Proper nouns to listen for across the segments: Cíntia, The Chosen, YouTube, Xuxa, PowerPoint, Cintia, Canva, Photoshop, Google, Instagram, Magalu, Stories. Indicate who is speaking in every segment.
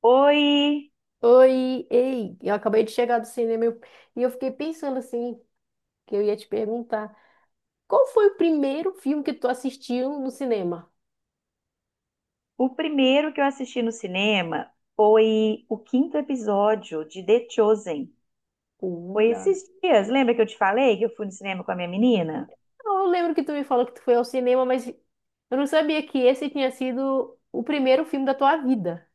Speaker 1: Oi!
Speaker 2: Oi, ei, eu acabei de chegar do cinema e eu fiquei pensando assim, que eu ia te perguntar, qual foi o primeiro filme que tu assistiu no cinema?
Speaker 1: O primeiro que eu assisti no cinema foi o quinto episódio de The Chosen. Foi
Speaker 2: Olha,
Speaker 1: esses dias, lembra que eu te falei que eu fui no cinema com a minha menina?
Speaker 2: eu lembro que tu me falou que tu foi ao cinema, mas eu não sabia que esse tinha sido o primeiro filme da tua vida.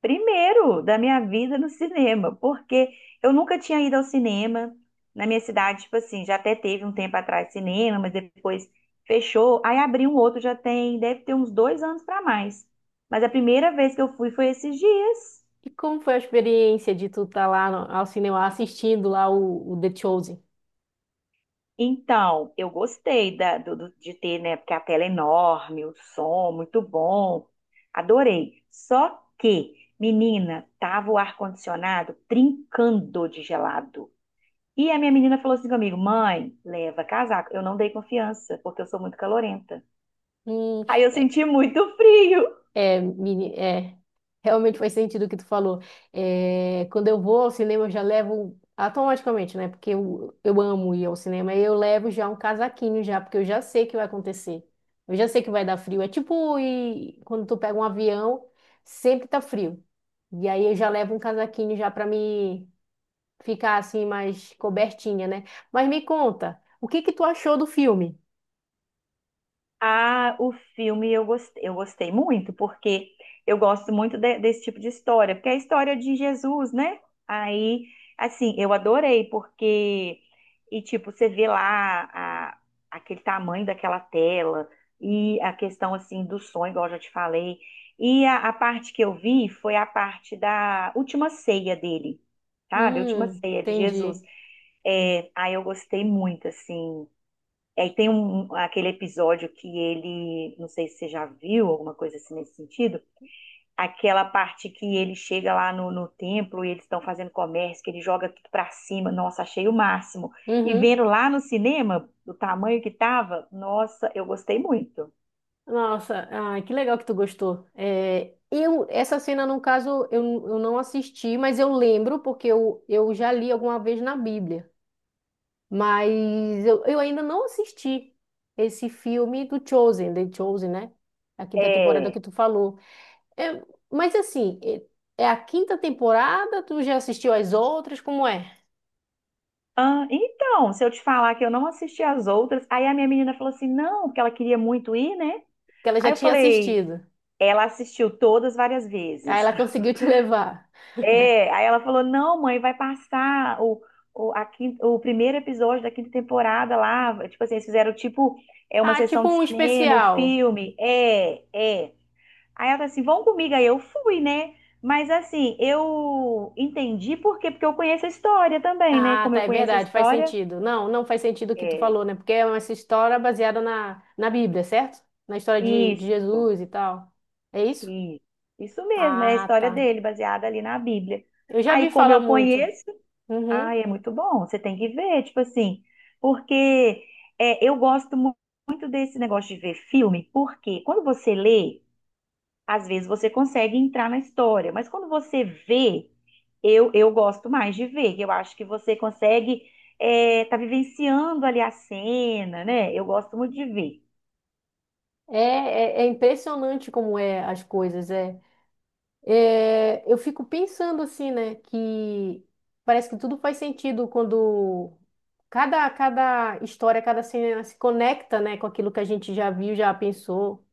Speaker 1: Primeiro da minha vida no cinema, porque eu nunca tinha ido ao cinema na minha cidade, tipo assim, já até teve um tempo atrás cinema, mas depois fechou, aí abriu um outro, já tem, deve ter uns dois anos para mais. Mas a primeira vez que eu fui foi esses dias.
Speaker 2: E como foi a experiência de tu estar lá ao cinema assistindo lá o The Chosen?
Speaker 1: Então, eu gostei de ter, né? Porque a tela é enorme, o som muito bom. Adorei. Só que, menina, tava o ar-condicionado trincando de gelado. E a minha menina falou assim comigo: mãe, leva casaco. Eu não dei confiança, porque eu sou muito calorenta.
Speaker 2: Hum.
Speaker 1: Aí eu senti muito frio.
Speaker 2: É, meni- é, Realmente faz sentido o que tu falou. É, quando eu vou ao cinema, eu já levo automaticamente, né? Porque eu amo ir ao cinema, e eu levo já um casaquinho já, porque eu já sei que vai acontecer. Eu já sei que vai dar frio. É tipo quando tu pega um avião, sempre tá frio. E aí eu já levo um casaquinho já pra me ficar assim mais cobertinha, né? Mas me conta, o que que tu achou do filme?
Speaker 1: Ah, o filme eu gostei muito, porque eu gosto muito desse tipo de história, porque é a história de Jesus, né? Aí, assim, eu adorei, porque, e tipo, você vê lá aquele tamanho daquela tela, e a questão, assim, do sonho, igual eu já te falei, e a parte que eu vi foi a parte da última ceia dele, sabe? A última ceia de Jesus.
Speaker 2: Entendi.
Speaker 1: É, aí eu gostei muito, assim, e aí tem aquele episódio que ele, não sei se você já viu, alguma coisa assim nesse sentido, aquela parte que ele chega lá no templo e eles estão fazendo comércio, que ele joga tudo pra cima, nossa, achei o máximo. E
Speaker 2: Uhum.
Speaker 1: vendo lá no cinema, do tamanho que tava, nossa, eu gostei muito.
Speaker 2: Nossa, ai, que legal que tu gostou. É, eu, essa cena, no caso, eu não assisti, mas eu lembro porque eu já li alguma vez na Bíblia. Mas eu ainda não assisti esse filme do Chosen, The Chosen, né? A quinta temporada
Speaker 1: É.
Speaker 2: que tu falou. É, mas assim, é a quinta temporada, tu já assistiu as outras? Como é?
Speaker 1: Ah, então, se eu te falar que eu não assisti as outras, aí a minha menina falou assim, não, porque ela queria muito ir, né?
Speaker 2: Que ela já
Speaker 1: Aí eu
Speaker 2: tinha
Speaker 1: falei,
Speaker 2: assistido.
Speaker 1: ela assistiu todas várias
Speaker 2: Aí
Speaker 1: vezes.
Speaker 2: ela conseguiu te levar.
Speaker 1: É, aí ela falou: não, mãe, vai passar o primeiro episódio da quinta temporada lá. Tipo assim, eles fizeram tipo é uma
Speaker 2: Ah,
Speaker 1: sessão
Speaker 2: tipo
Speaker 1: de
Speaker 2: um
Speaker 1: cinema, o
Speaker 2: especial.
Speaker 1: filme. É, é. Aí ela falou assim: vão comigo. Aí eu fui, né? Mas assim, eu entendi por quê, porque eu conheço a história também, né?
Speaker 2: Ah,
Speaker 1: Como
Speaker 2: tá,
Speaker 1: eu
Speaker 2: é
Speaker 1: conheço a
Speaker 2: verdade, faz
Speaker 1: história,
Speaker 2: sentido. Não, não faz sentido o que tu
Speaker 1: é
Speaker 2: falou, né? Porque é essa história baseada na Bíblia, certo? Na história de
Speaker 1: isso,
Speaker 2: Jesus e tal. É isso?
Speaker 1: isso, isso mesmo, é a
Speaker 2: Ah,
Speaker 1: história
Speaker 2: tá.
Speaker 1: dele, baseada ali na Bíblia.
Speaker 2: Eu já vi
Speaker 1: Aí, como
Speaker 2: falar
Speaker 1: eu
Speaker 2: muito.
Speaker 1: conheço.
Speaker 2: Uhum.
Speaker 1: Ai, é muito bom. Você tem que ver, tipo assim, porque é, eu gosto muito desse negócio de ver filme, porque quando você lê, às vezes você consegue entrar na história, mas quando você vê, eu gosto mais de ver, que eu acho que você consegue tá vivenciando ali a cena, né? Eu gosto muito de ver.
Speaker 2: É impressionante como é as coisas. É. É, eu fico pensando assim, né? Que parece que tudo faz sentido quando cada história, cada cena se conecta, né? Com aquilo que a gente já viu, já pensou.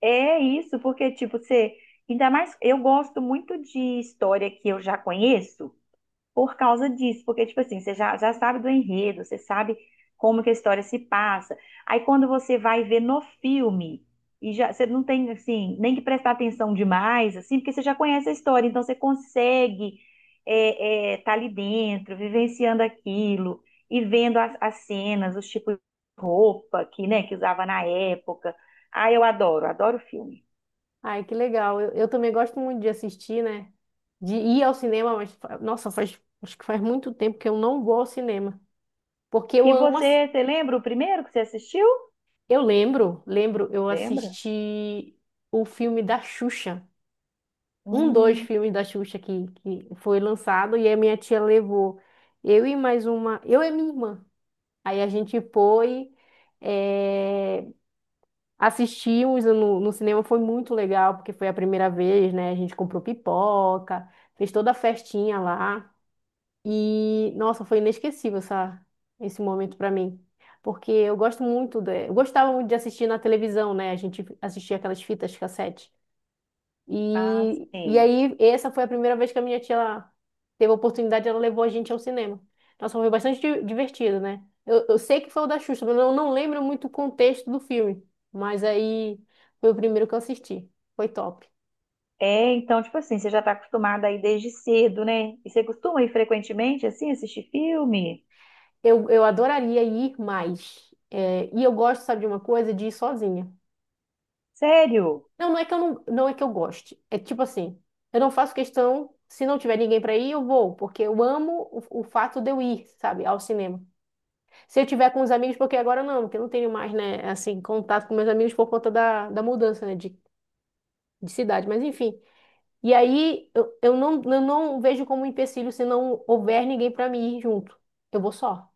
Speaker 1: É isso, porque, tipo, você. Ainda mais, eu gosto muito de história que eu já conheço. Por causa disso, porque, tipo assim, você já sabe do enredo, você sabe como que a história se passa. Aí quando você vai ver no filme, e já, você não tem, assim, nem que prestar atenção demais, assim, porque você já conhece a história, então você consegue tá ali dentro, vivenciando aquilo, e vendo as cenas, os tipos de roupa que, né, que usava na época. Ah, eu adoro, adoro filme.
Speaker 2: Ai, que legal. Eu também gosto muito de assistir, né? De ir ao cinema, mas, nossa, faz, acho que faz muito tempo que eu não vou ao cinema. Porque eu
Speaker 1: E
Speaker 2: amo.
Speaker 1: você lembra o primeiro que você assistiu?
Speaker 2: Eu lembro, lembro, eu
Speaker 1: Lembra?
Speaker 2: assisti o filme da Xuxa. Um, dois
Speaker 1: Hum,
Speaker 2: filmes da Xuxa que foi lançado e a minha tia levou. Eu e mais uma. Eu e minha irmã. Aí a gente foi. eh, Assistimos no cinema, foi muito legal, porque foi a primeira vez, né? A gente comprou pipoca, fez toda a festinha lá. E, nossa, foi inesquecível essa, esse momento para mim. Porque eu gosto muito, de, eu gostava muito de assistir na televisão, né? A gente assistia aquelas fitas cassete.
Speaker 1: ah,
Speaker 2: E
Speaker 1: sim.
Speaker 2: aí, essa foi a primeira vez que a minha tia ela teve a oportunidade, ela levou a gente ao cinema. Nossa, foi bastante divertido, né? Eu sei que foi o da Xuxa, mas eu não lembro muito o contexto do filme. Mas aí foi o primeiro que eu assisti. Foi top.
Speaker 1: É, então, tipo assim, você já tá acostumada aí desde cedo, né? E você costuma ir frequentemente, assim, assistir filme?
Speaker 2: Eu adoraria ir mais. É, e eu gosto, sabe, de uma coisa, de ir sozinha.
Speaker 1: Sério?
Speaker 2: Não, não é que eu não, não é que eu goste. É tipo assim, eu não faço questão, se não tiver ninguém para ir, eu vou, porque eu amo o fato de eu ir, sabe, ao cinema. Se eu tiver com os amigos, porque agora não, porque eu não tenho mais, né, assim, contato com meus amigos por conta da mudança, né, de cidade, mas enfim. E aí eu não, eu não vejo como um empecilho se não houver ninguém para mim ir junto. Eu vou só.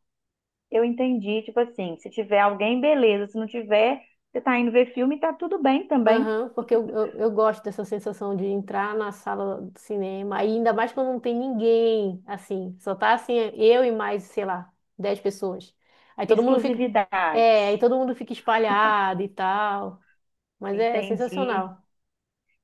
Speaker 1: Eu entendi, tipo assim, se tiver alguém, beleza. Se não tiver, você tá indo ver filme, tá tudo bem também.
Speaker 2: Aham, porque eu gosto dessa sensação de entrar na sala do cinema, aí ainda mais quando não tem ninguém, assim, só tá assim, eu e mais, sei lá, 10 pessoas. Aí todo mundo fica,
Speaker 1: Exclusividade.
Speaker 2: é, aí todo mundo fica espalhado e tal, mas é,
Speaker 1: Entendi.
Speaker 2: sensacional.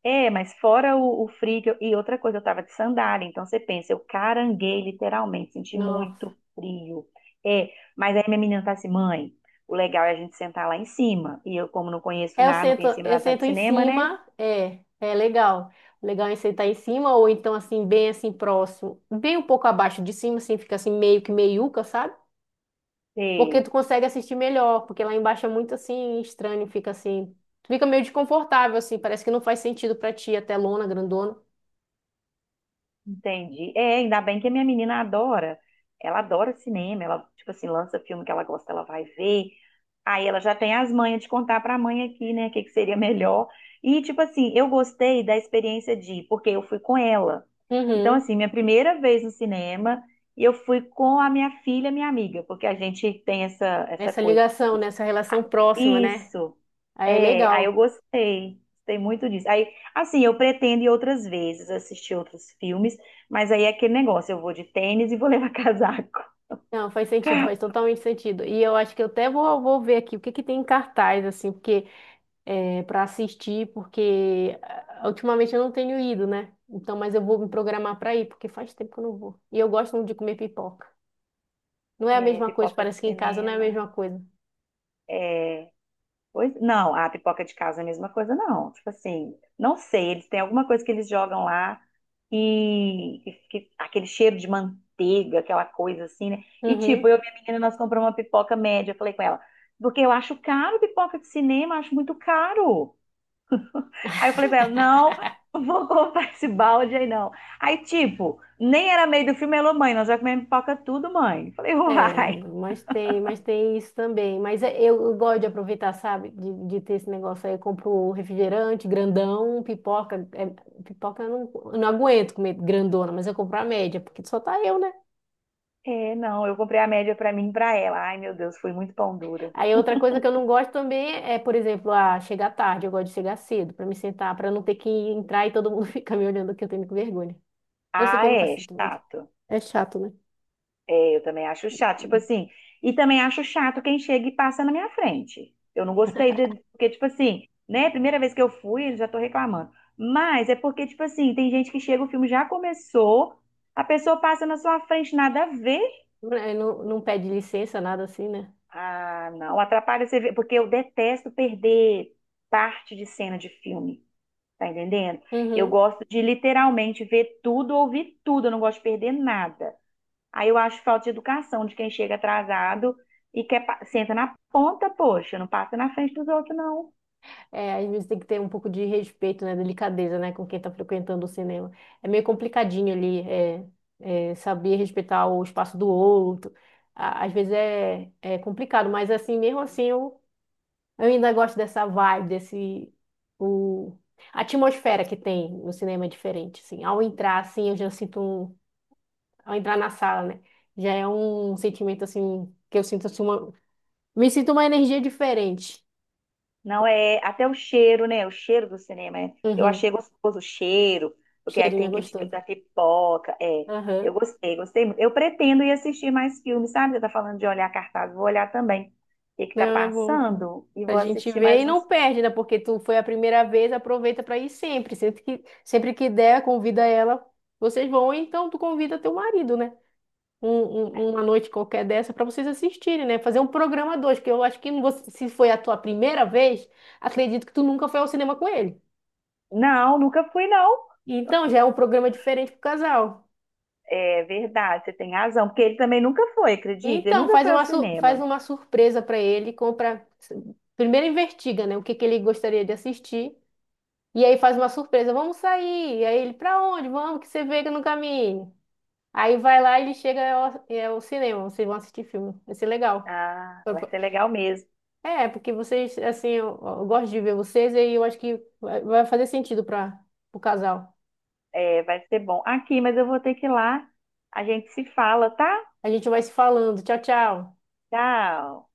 Speaker 1: É, mas fora o frio, e outra coisa, eu tava de sandália, então você pensa, eu caranguei literalmente, senti
Speaker 2: Nossa.
Speaker 1: muito frio. É, mas aí minha menina tá assim, mãe, o legal é a gente sentar lá em cima. E eu, como não conheço
Speaker 2: É,
Speaker 1: nada, não conhecia
Speaker 2: eu
Speaker 1: nada
Speaker 2: sento
Speaker 1: de
Speaker 2: em
Speaker 1: cinema, né?
Speaker 2: cima, é, é legal. O legal é sentar em cima ou então assim, bem assim próximo, bem um pouco abaixo de cima, assim, fica assim meio que meiuca, sabe? Porque tu
Speaker 1: Sei,
Speaker 2: consegue assistir melhor, porque lá embaixo é muito assim estranho, fica assim, tu fica meio desconfortável assim, parece que não faz sentido pra ti a telona grandona.
Speaker 1: entendi. É, ainda bem que a minha menina adora, ela adora cinema, ela, tipo assim, lança filme que ela gosta, ela vai ver. Aí ela já tem as manhas de contar para a mãe aqui, né, o que que seria melhor. E, tipo assim, eu gostei da experiência de ir, porque eu fui com ela. Então,
Speaker 2: Uhum.
Speaker 1: assim, minha primeira vez no cinema, e eu fui com a minha filha, minha amiga, porque a gente tem essa
Speaker 2: Essa
Speaker 1: coisa.
Speaker 2: ligação, né? Essa relação
Speaker 1: Ah,
Speaker 2: próxima, né?
Speaker 1: isso.
Speaker 2: Aí é
Speaker 1: É, aí eu
Speaker 2: legal.
Speaker 1: gostei. Gostei muito disso. Aí, assim, eu pretendo ir outras vezes, assistir outros filmes, mas aí é aquele negócio, eu vou de tênis e vou levar casaco.
Speaker 2: Não, faz sentido, faz totalmente sentido. E eu acho que eu até vou, vou ver aqui o que que tem em cartaz, assim, porque para assistir, porque ah, ultimamente eu não tenho ido, né? Então, mas eu vou me programar para ir, porque faz tempo que eu não vou. E eu gosto muito de comer pipoca. Não é a
Speaker 1: É,
Speaker 2: mesma coisa,
Speaker 1: pipoca de
Speaker 2: parece que em casa não é a
Speaker 1: cinema.
Speaker 2: mesma coisa.
Speaker 1: É, pois não, a pipoca de casa é a mesma coisa, não. Tipo assim, não sei, eles têm alguma coisa que eles jogam lá e aquele cheiro de manteiga, aquela coisa assim, né? E
Speaker 2: Uhum.
Speaker 1: tipo, eu e minha menina, nós compramos uma pipoca média. Eu falei com ela, porque eu acho caro pipoca de cinema, acho muito caro. Aí eu falei com ela, não, não vou comprar esse balde aí não. Aí tipo, nem era meio do filme, ela, mãe, nós já comemos pipoca tudo, mãe. Eu falei,
Speaker 2: É,
Speaker 1: uai.
Speaker 2: mas tem isso também. Eu gosto de aproveitar, sabe? De ter esse negócio aí. Eu compro refrigerante, grandão, pipoca. É, pipoca eu não aguento comer grandona, mas eu compro a média, porque só tá eu, né?
Speaker 1: É, não, eu comprei a média pra mim e pra ela. Ai, meu Deus, fui muito pão dura.
Speaker 2: Aí outra coisa que eu não gosto também é, por exemplo, ah, chegar tarde, eu gosto de chegar cedo para me sentar, para não ter que entrar e todo mundo ficar me olhando que eu tenho vergonha. Eu sei
Speaker 1: Ah,
Speaker 2: que não faz
Speaker 1: é
Speaker 2: sentido, mas
Speaker 1: chato.
Speaker 2: é chato, né?
Speaker 1: É, eu também acho chato. Tipo assim, e também acho chato quem chega e passa na minha frente. Eu não gostei de, porque, tipo assim, né? Primeira vez que eu fui, eu já tô reclamando. Mas é porque, tipo assim, tem gente que chega, o filme já começou, a pessoa passa na sua frente, nada a ver.
Speaker 2: É, não, não pede licença, nada assim, né?
Speaker 1: Ah, não, atrapalha você ver, porque eu detesto perder parte de cena de filme, tá entendendo? Eu
Speaker 2: Uhum.
Speaker 1: gosto de literalmente ver tudo, ouvir tudo, eu não gosto de perder nada. Aí eu acho falta de educação de quem chega atrasado e quer senta na ponta, poxa, não passa na frente dos outros, não.
Speaker 2: É, às vezes tem que ter um pouco de respeito, né? Delicadeza, né? Com quem tá frequentando o cinema. É meio complicadinho ali, é, saber respeitar o espaço do outro. Às vezes é complicado, mas assim, mesmo assim, eu ainda gosto dessa vibe, desse o a atmosfera que tem no cinema é diferente, assim. Ao entrar assim, eu já sinto um, ao entrar na sala, né? Já é um sentimento assim que eu sinto assim uma me sinto uma energia diferente.
Speaker 1: Não é até o cheiro, né? O cheiro do cinema. Eu
Speaker 2: Uhum.
Speaker 1: achei gostoso o cheiro, porque aí
Speaker 2: Cheirinho
Speaker 1: tem
Speaker 2: é
Speaker 1: aquele cheiro
Speaker 2: gostoso.
Speaker 1: da pipoca. É, eu
Speaker 2: Aham.
Speaker 1: gostei, gostei muito. Eu pretendo ir assistir mais filmes, sabe? Você tá falando de olhar cartaz, vou olhar também. O que que tá
Speaker 2: Não é bom.
Speaker 1: passando? E
Speaker 2: A
Speaker 1: vou
Speaker 2: gente
Speaker 1: assistir
Speaker 2: vê e
Speaker 1: mais uns
Speaker 2: não
Speaker 1: filmes.
Speaker 2: perde, né? Porque tu foi a primeira vez, aproveita para ir sempre, sempre que der, convida ela. Vocês vão, então tu convida teu marido, né? um- uma noite qualquer dessa para vocês assistirem, né? Fazer um programa dois, que eu acho que você- se foi a tua primeira vez, acredito que tu nunca foi ao cinema com ele.
Speaker 1: Não, nunca fui, não.
Speaker 2: Então já é um programa diferente pro casal.
Speaker 1: É verdade, você tem razão, porque ele também nunca foi, acredita? Ele
Speaker 2: Então
Speaker 1: nunca
Speaker 2: faz
Speaker 1: foi ao
Speaker 2: uma faz
Speaker 1: cinema.
Speaker 2: uma surpresa para ele, compra primeiro investiga, né, o que que ele gostaria de assistir e aí faz uma surpresa, vamos sair. E aí ele para onde? Vamos que você vê no caminho. Aí vai lá e ele chega ao, é, ao cinema, vocês vão assistir filme. Vai ser legal.
Speaker 1: Ah, vai ser legal mesmo.
Speaker 2: É, porque vocês, assim, eu gosto de ver vocês e eu acho que vai fazer sentido para o casal.
Speaker 1: É, vai ser bom. Aqui, mas eu vou ter que ir lá. A gente se fala, tá?
Speaker 2: A gente vai se falando. Tchau, tchau.
Speaker 1: Tchau.